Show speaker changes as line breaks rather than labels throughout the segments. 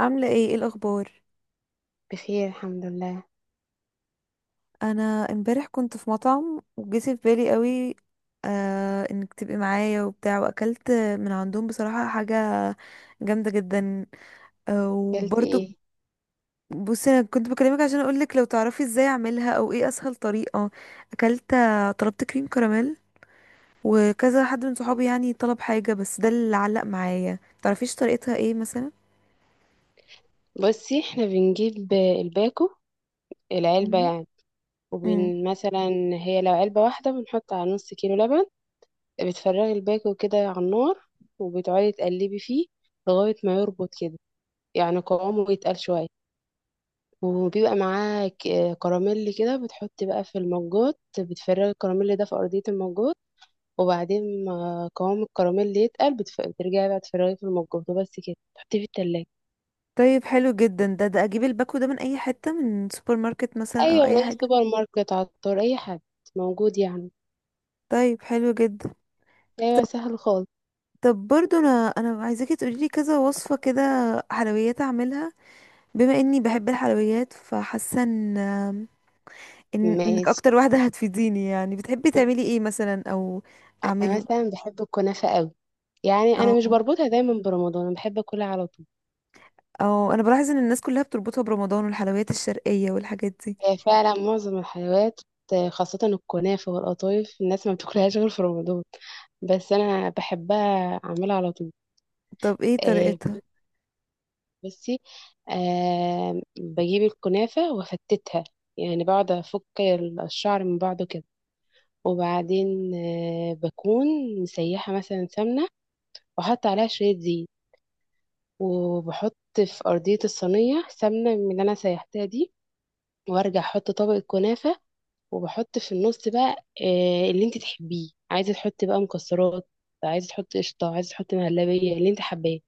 عاملة ايه الأخبار؟
بخير، الحمد لله.
أنا، امبارح كنت في مطعم وجه في بالي قوي انك تبقي معايا وبتاع، وأكلت من عندهم بصراحة حاجة جامدة جدا. آه
اكلتي
وبرضو
ايه؟
بصي، أنا كنت بكلمك عشان أقولك لو تعرفي ازاي أعملها أو ايه أسهل طريقة. أكلت، طلبت كريم كراميل، وكذا حد من صحابي يعني طلب حاجة، بس ده اللي علق معايا. تعرفيش طريقتها ايه مثلا؟
بصي، احنا بنجيب الباكو، العلبة
مم.
يعني،
مم.
وبن مثلا. هي لو علبة واحدة بنحط على نص كيلو لبن. بتفرغي الباكو كده على النار وبتقعدي تقلبي فيه لغاية ما يربط كده، يعني قوامه يتقل شوية، وبيبقى معاه كراميل كده. بتحطي بقى في المجات، بتفرغي الكراميل ده في أرضية المجات، وبعدين ما قوام الكراميل يتقل بترجعي بقى تفرغيه في المجات وبس كده تحطيه في التلاجة.
طيب حلو جدا، ده أجيب الباكو ده من أي حتة، من سوبر ماركت مثلا أو
ايوه، من
أي
اي
حاجة؟
سوبر ماركت، عطار، اي حد موجود يعني.
طيب حلو جدا.
ايوه، سهل خالص.
طب برضو انا عايزاكي تقولي لي كذا وصفه كده حلويات اعملها، بما اني بحب الحلويات فحاسه انك
ماشي.
اكتر واحده هتفيديني. يعني بتحبي تعملي ايه مثلا، او
انا
اعمله،
مثلا بحب الكنافه قوي، يعني
او
انا مش بربطها دايما برمضان، انا بحب اكلها على طول.
او انا بلاحظ ان الناس كلها بتربطها برمضان، والحلويات الشرقيه والحاجات دي.
هي فعلا معظم الحلويات، خاصه الكنافه والقطايف، الناس ما بتاكلهاش غير في رمضان، بس انا بحبها اعملها على طول.
طب ايه
آه
طريقتها؟
بصي، بجيب الكنافه وافتتها، يعني بقعد افك الشعر من بعضه كده. وبعدين بكون مسيحة مثلا سمنة وأحط عليها شوية زيت، وبحط في أرضية الصينية سمنة من اللي أنا سيحتها دي، وأرجع أحط طبقة كنافة. وبحط في النص بقى اللي انت تحبيه، عايزة تحطي بقى مكسرات، عايزة تحطي قشطة، عايزة تحطي مهلبية، اللي انت حباه.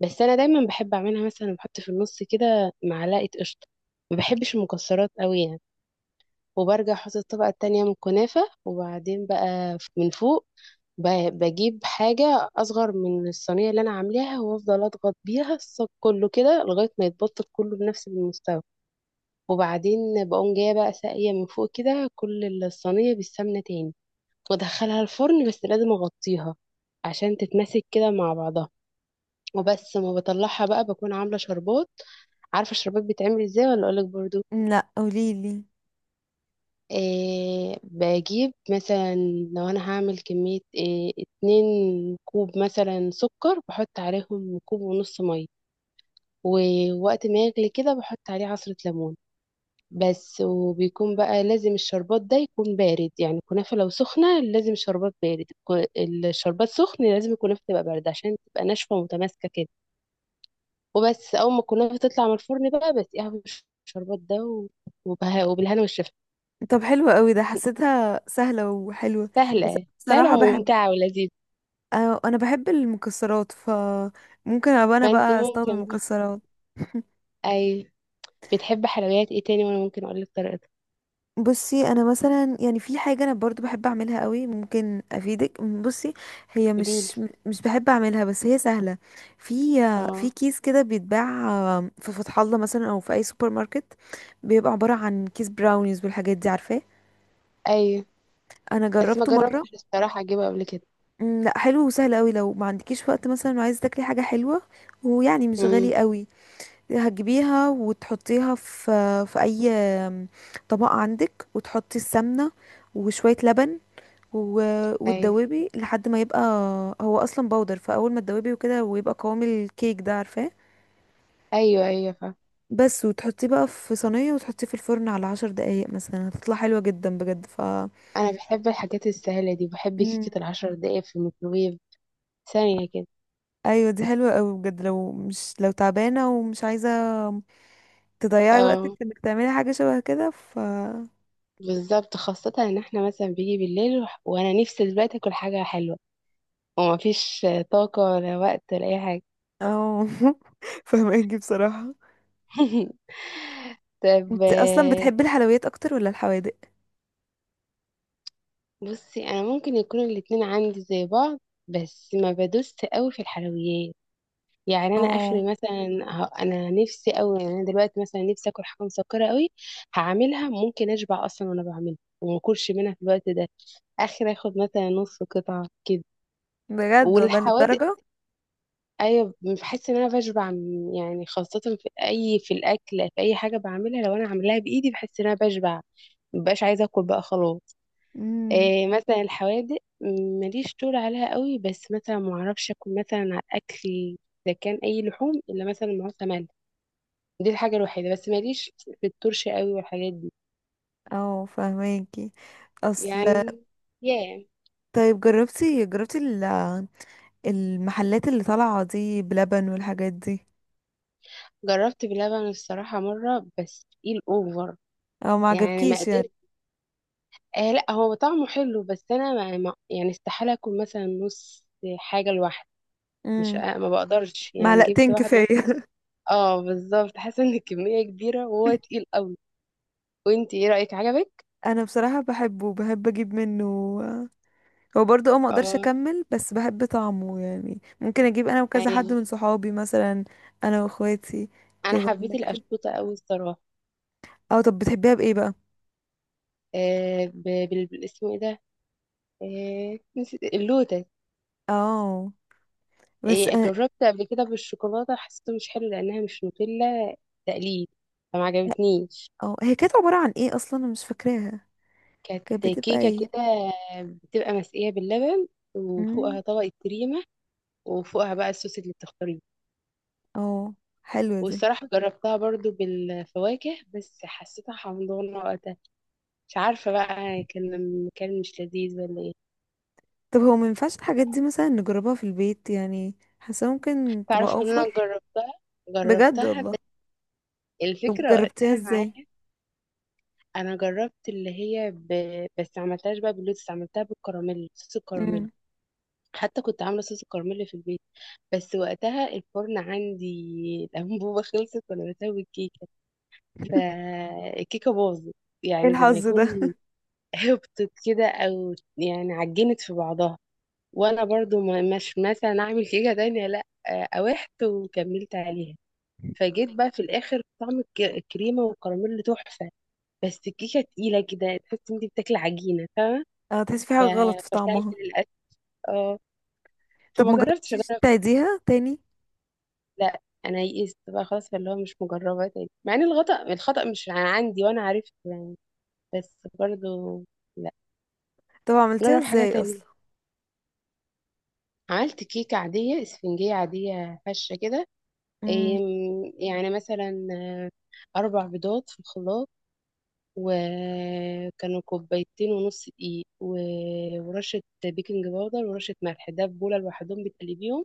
بس أنا دايما بحب أعملها مثلا بحط في النص كده معلقة قشطة، ما بحبش المكسرات قوي يعني. وبرجع احط الطبقة التانية من الكنافة، وبعدين بقى من فوق بجيب حاجة أصغر من الصينية اللي أنا عاملاها وأفضل أضغط بيها الصاج كله كده لغاية ما يتبطط كله بنفس المستوى. وبعدين بقوم جاية بقى ساقية من فوق كده كل الصينية بالسمنة تاني، وأدخلها الفرن، بس لازم أغطيها عشان تتماسك كده مع بعضها. وبس ما بطلعها بقى بكون عاملة شربات. عارفة الشربات بيتعمل ازاي ولا أقولك برضو؟
لا، قوليلي.
إيه، بجيب مثلا، لو انا هعمل كمية إيه، 2 كوب مثلا سكر بحط عليهم كوب ونص مية، ووقت ما يغلي كده بحط عليه عصرة ليمون بس. وبيكون بقى لازم الشربات ده يكون بارد، يعني الكنافة لو سخنة لازم الشربات بارد، الشربات سخن لازم الكنافة تبقى باردة عشان تبقى ناشفة ومتماسكة كده. وبس أول ما الكنافة تطلع من الفرن بقى بسقيها بالشربات ده، وبالهنا والشفا.
طب حلوة قوي ده، حسيتها سهله وحلوه. بس أنا
سهلة سهلة
بصراحه بحب،
وممتعة ولذيذة.
آه، انا بحب المكسرات، فممكن ابقى انا
فانت
بقى استخدم
ممكن،
مكسرات.
ايوه. بتحب حلويات ايه تاني وانا ممكن اقول لك طريقتها؟
بصي، انا مثلا يعني في حاجه انا برضو بحب اعملها قوي، ممكن افيدك. بصي هي
قوليلي.
مش بحب اعملها، بس هي سهله. في في
اه.
كيس كده بيتباع في فتح الله مثلا، او في اي سوبر ماركت، بيبقى عباره عن كيس براونيز والحاجات دي، عارفاه؟
ايوه،
انا
بس ما
جربته مره.
جربتش الصراحه اجيبها قبل كده.
مم، لا حلو وسهل قوي لو ما عندكيش وقت مثلا، وعايز تاكلي حاجه حلوه، ويعني مش
امم.
غالي قوي. هتجيبيها وتحطيها في اي طبق عندك، وتحطي السمنه وشويه لبن، و-
ايوه،
وتدوبي لحد ما يبقى، هو اصلا بودر، فاول ما تدوبي وكده ويبقى قوام الكيك ده، عارفاه؟
ايوه، ايوه،
بس وتحطيه بقى في صينيه، وتحطيه في الفرن على 10 دقايق مثلا، هتطلع حلوه جدا بجد.
انا بحب الحاجات السهله دي، بحب
مم.
كيكه العشر دقايق في الميكروويف ثانيه كده.
ايوه دي حلوه قوي بجد، لو مش لو تعبانه ومش عايزه تضيعي وقتك
اه،
في انك تعملي حاجه شبه كده.
بالظبط، خاصه ان احنا مثلا بيجي بالليل وانا نفسي دلوقتي اكل حاجه حلوه ومفيش طاقه ولا وقت ولا اي حاجه.
اه. فهماكي بصراحه.
طب،
انت اصلا بتحبي الحلويات اكتر ولا الحوادق؟
بصي انا ممكن يكونوا الاتنين عندي زي بعض، بس ما بدوست قوي في الحلويات، يعني انا
اه،
اخري مثلا انا نفسي قوي، يعني انا دلوقتي مثلا نفسي اكل حاجه مسكره قوي، هعملها ممكن اشبع اصلا وانا بعملها وما اكلش منها في الوقت ده، اخر اخد مثلا نص قطعه كده.
بجد والله،
والحوادق
للدرجه؟
ايوه، بحس ان انا بشبع يعني خاصه في اي في الاكل في اي حاجه بعملها، لو انا عاملاها بايدي بحس ان انا بشبع، مبقاش عايزه اكل بقى خلاص.
امم.
إيه مثلا الحوادق ماليش طول عليها قوي، بس مثلا ما اعرفش اكل مثلا على الاكل اذا كان اي لحوم الا مثلا معاه سمن، دي الحاجه الوحيده، بس ماليش في الترش قوي والحاجات دي،
اه، فهماكي. اصل،
يعني. ياه.
طيب جربتي المحلات اللي طالعه دي بلبن والحاجات دي؟
جربت بلبن الصراحه مره بس تقيل اوفر،
او ما
يعني ما
عجبكيش يعني؟
قدرت. لا، هو طعمه حلو، بس انا يعني استحاله اكل مثلا نص حاجه لوحدي. مش
امم.
ما بقدرش، يعني جبت
معلقتين
واحده.
كفايه.
اه بالظبط، حاسه ان الكميه كبيره وهو تقيل قوي. وانت ايه رايك، عجبك؟
انا بصراحه بحبه، بحب اجيب منه، هو برضه ما اقدرش
اه.
اكمل، بس بحب طعمه، يعني ممكن اجيب انا وكذا حد
ايوه،
من صحابي مثلا، انا واخواتي
انا
كده
حبيت
وناكله.
الاشطوطه قوي الصراحه.
اه، طب بتحبيها بايه بقى؟
بالاسم ايه ده؟ نسيت، اللوتس.
اه، بس أنا-
جربت قبل كده بالشوكولاته، حسيته مش حلو لانها مش نوتيلا، تقليد، فما عجبتنيش.
اه، هي كانت عبارة عن ايه اصلا؟ انا مش فاكراها.
كانت
كانت بتبقى
كيكه
ايه؟
كده، بتبقى مسقيه باللبن،
امم.
وفوقها طبقه كريمه، وفوقها بقى الصوص اللي بتختاريه.
اه، حلوة دي.
والصراحه جربتها برضو بالفواكه بس حسيتها حمضانه وقتها، مش عارفه بقى، كان مش لذيذ ولا ايه.
طب هو ما ينفعش الحاجات دي مثلا نجربها في البيت؟ يعني حاسة ممكن تبقى
تعرف ان انا
اوفر.
جربتها،
بجد والله؟
بس
طب
الفكرة
جربتيها
وقتها
ازاي؟
معايا. انا جربت اللي هي بس عملتهاش بقى باللوتس، عملتها بالكراميل، صوص الكراميل،
امم.
حتى كنت عاملة صوص الكراميل في البيت. بس وقتها الفرن عندي الأنبوبة خلصت وانا بسوي الكيكة، فالكيكة باظت،
ايه
يعني زي ما
الحظ ده؟
يكون هبطت كده او يعني عجنت في بعضها. وانا برضو مش مثلا اعمل كيكة تانية، لا، قاوحت وكملت عليها. فجيت بقى في الاخر طعم الكريمه والكراميل تحفه، بس الكيكه تقيله كده تحس انت بتاكلي عجينه فاهمه.
اه، تحسي في
ف-
حاجة غلط في
فشلت
طعمها.
للاسف. اه.
طب
فما
ما
جربتش
جربتيش
اجرب تاني،
تعيديها تاني؟
لا، انا يئست بقى خلاص، فاللي هو مش مجربه تاني، مع ان الخطا مش عندي وانا عرفت يعني، بس برضو لا.
طب عملتيها
جرب حاجه
ازاي
تانية.
اصلا؟
عملت كيكه عاديه اسفنجيه عاديه هشه كده.
امم.
إيه، يعني مثلا 4 بيضات في الخلاط، وكانوا كوبايتين ونص دقيق ورشة بيكنج باودر ورشة ملح، ده في بولة لوحدهم بتقلبيهم.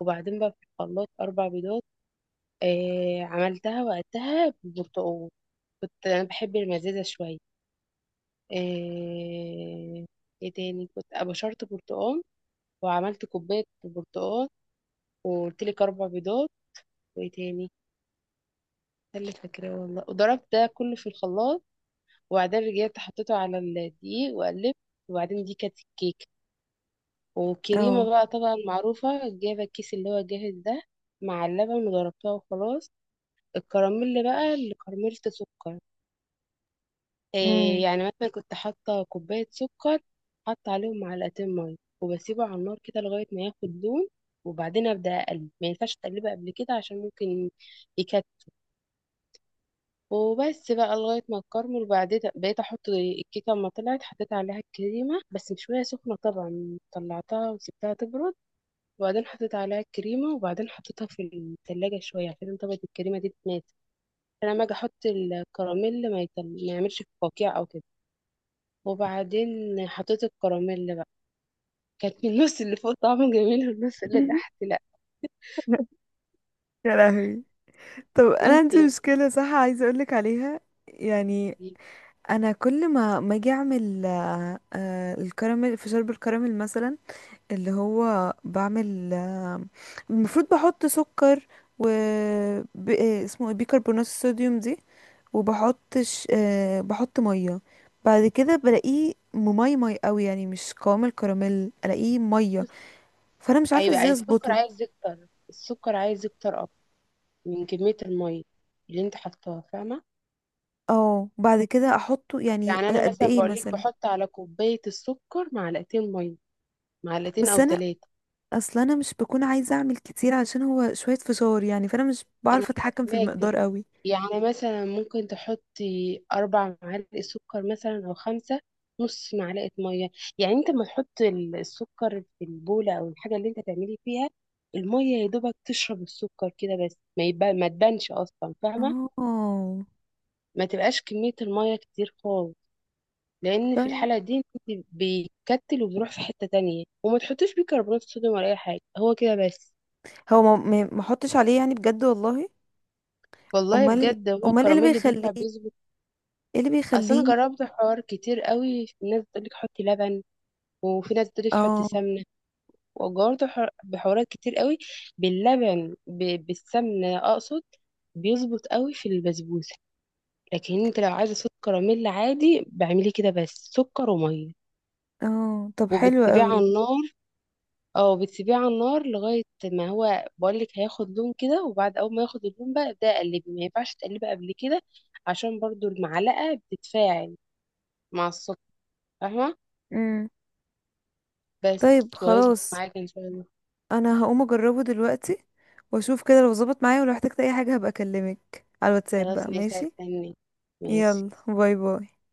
وبعدين بقى في الخلاط 4 بيضات. عملتها وقتها بالبرتقال، كنت أنا بحب المزازة شوية. آه ايه تاني، كنت أبشرت برتقال وعملت كوباية برتقال، وقلت لك 4 بيضات، وايه تاني؟ ده اللي فاكراه والله. وضربت ده كله في الخلاط، وبعدين رجعت حطيته على الدقيق وقلبت، وبعدين دي كانت الكيكة. والكريمة
اه.
بقى طبعا معروفة، جايبة الكيس اللي هو جاهز ده مع اللبن وضربتها وخلاص. الكراميل بقى اللي كرملت سكر، إيه
امم.
يعني مثلا كنت حاطة كوباية سكر، حاطة عليهم معلقتين مية، وبسيبه على النار كده لغاية ما ياخد لون، وبعدين أبدأ أقلب، ما ينفعش تقلبه قبل كده عشان ممكن يكتل. وبس بقى لغاية ما الكرمل. وبعدين بقيت أحط الكيكة، أما طلعت حطيت عليها الكريمة، بس مش وهي سخنة طبعا، طلعتها وسبتها تبرد، وبعدين حطيت عليها الكريمة، وبعدين حطيتها في التلاجة شوية عشان طبقة الكريمة دي تتناسف، عشان لما أجي أحط الكراميل ما يعملش قوقيع أو كده. وبعدين حطيت الكراميل بقى، كانت من النص اللي فوق طعمه جميل والنص اللي تحت لأ.
يا لهوي. طب انا عندي
وانتي.
مشكلة، صح؟ عايزة اقولك عليها. يعني انا كل ما اجي اعمل الكراميل، في شرب الكراميل مثلا، اللي هو بعمل المفروض بحط سكر، و اسمه إيه؟ بيكربونات الصوديوم دي، وبحط ش... آه، بحط ميه، بعد كده بلاقيه مي قوي، يعني مش قوام الكراميل، الاقيه ميه، فانا مش عارفه
أيوة،
ازاي
عايز السكر،
اظبطه.
عايز يكتر، السكر عايز يكتر أكتر من كمية المية اللي انت حطاها، فاهمة؟
اه، بعد كده احطه يعني
يعني أنا
قد
مثلا
ايه
بقولك
مثلا؟
بحط على كوباية السكر معلقتين مية، معلقتين
بس
أو
انا،
تلاتة.
اصل انا مش بكون عايزه اعمل كتير عشان هو شويه فشار يعني، فانا مش
أنا
بعرف اتحكم في
فاهماكي.
المقدار قوي.
يعني مثلا ممكن تحطي 4 معالق سكر مثلا أو خمسة، نص معلقة مية. يعني أنت ما تحط السكر في البولة أو الحاجة اللي أنت تعملي فيها، المية يا دوبك تشرب السكر كده بس، ما يبقى ما تبانش أصلا، فاهمة؟
اه.
ما تبقاش كمية المية كتير خالص، لأن في
طيب
الحالة دي أنت بيكتل وبيروح في حتة تانية. وما تحطيش بيكربونات صوديوم ولا أي حاجة، هو كده بس.
هو ما احطش عليه يعني؟ بجد والله؟
والله
امال.
بجد، هو
امال ايه
الكراميل
اللي
اللي
بيخليه؟
بيطلع بيظبط.
ايه اللي
اصل انا
بيخليه؟
جربت حوار كتير قوي، الناس بتقول لك حطي لبن، وفي ناس بتقولي تحط
اه.
سمنة، وجربت بحوارات كتير قوي، باللبن بالسمنة أقصد، بيظبط قوي في البسبوسة. لكن انت لو عايزة سكر كراميل عادي بعملي كده بس، سكر ومية،
اه، طب حلو
وبتسيبيه على
قوي.
النار، او بتسيبيه على النار لغاية ما هو بقولك هياخد لون كده، وبعد اول ما ياخد اللون بقى ابدأي قلبي، ما ينفعش تقلبي قبل كده عشان برضو المعلقة بتتفاعل مع السكر، فاهمة؟
امم.
بس،
طيب
وهيظبط
خلاص،
معاك ان شاء الله.
انا هقوم اجربه دلوقتي، واشوف كده لو ظبط معايا، ولو احتجت اي حاجه هبقى اكلمك على الواتساب
خلاص،
بقى،
ماشي،
ماشي؟
هستناك. ماشي.
يلا، باي باي.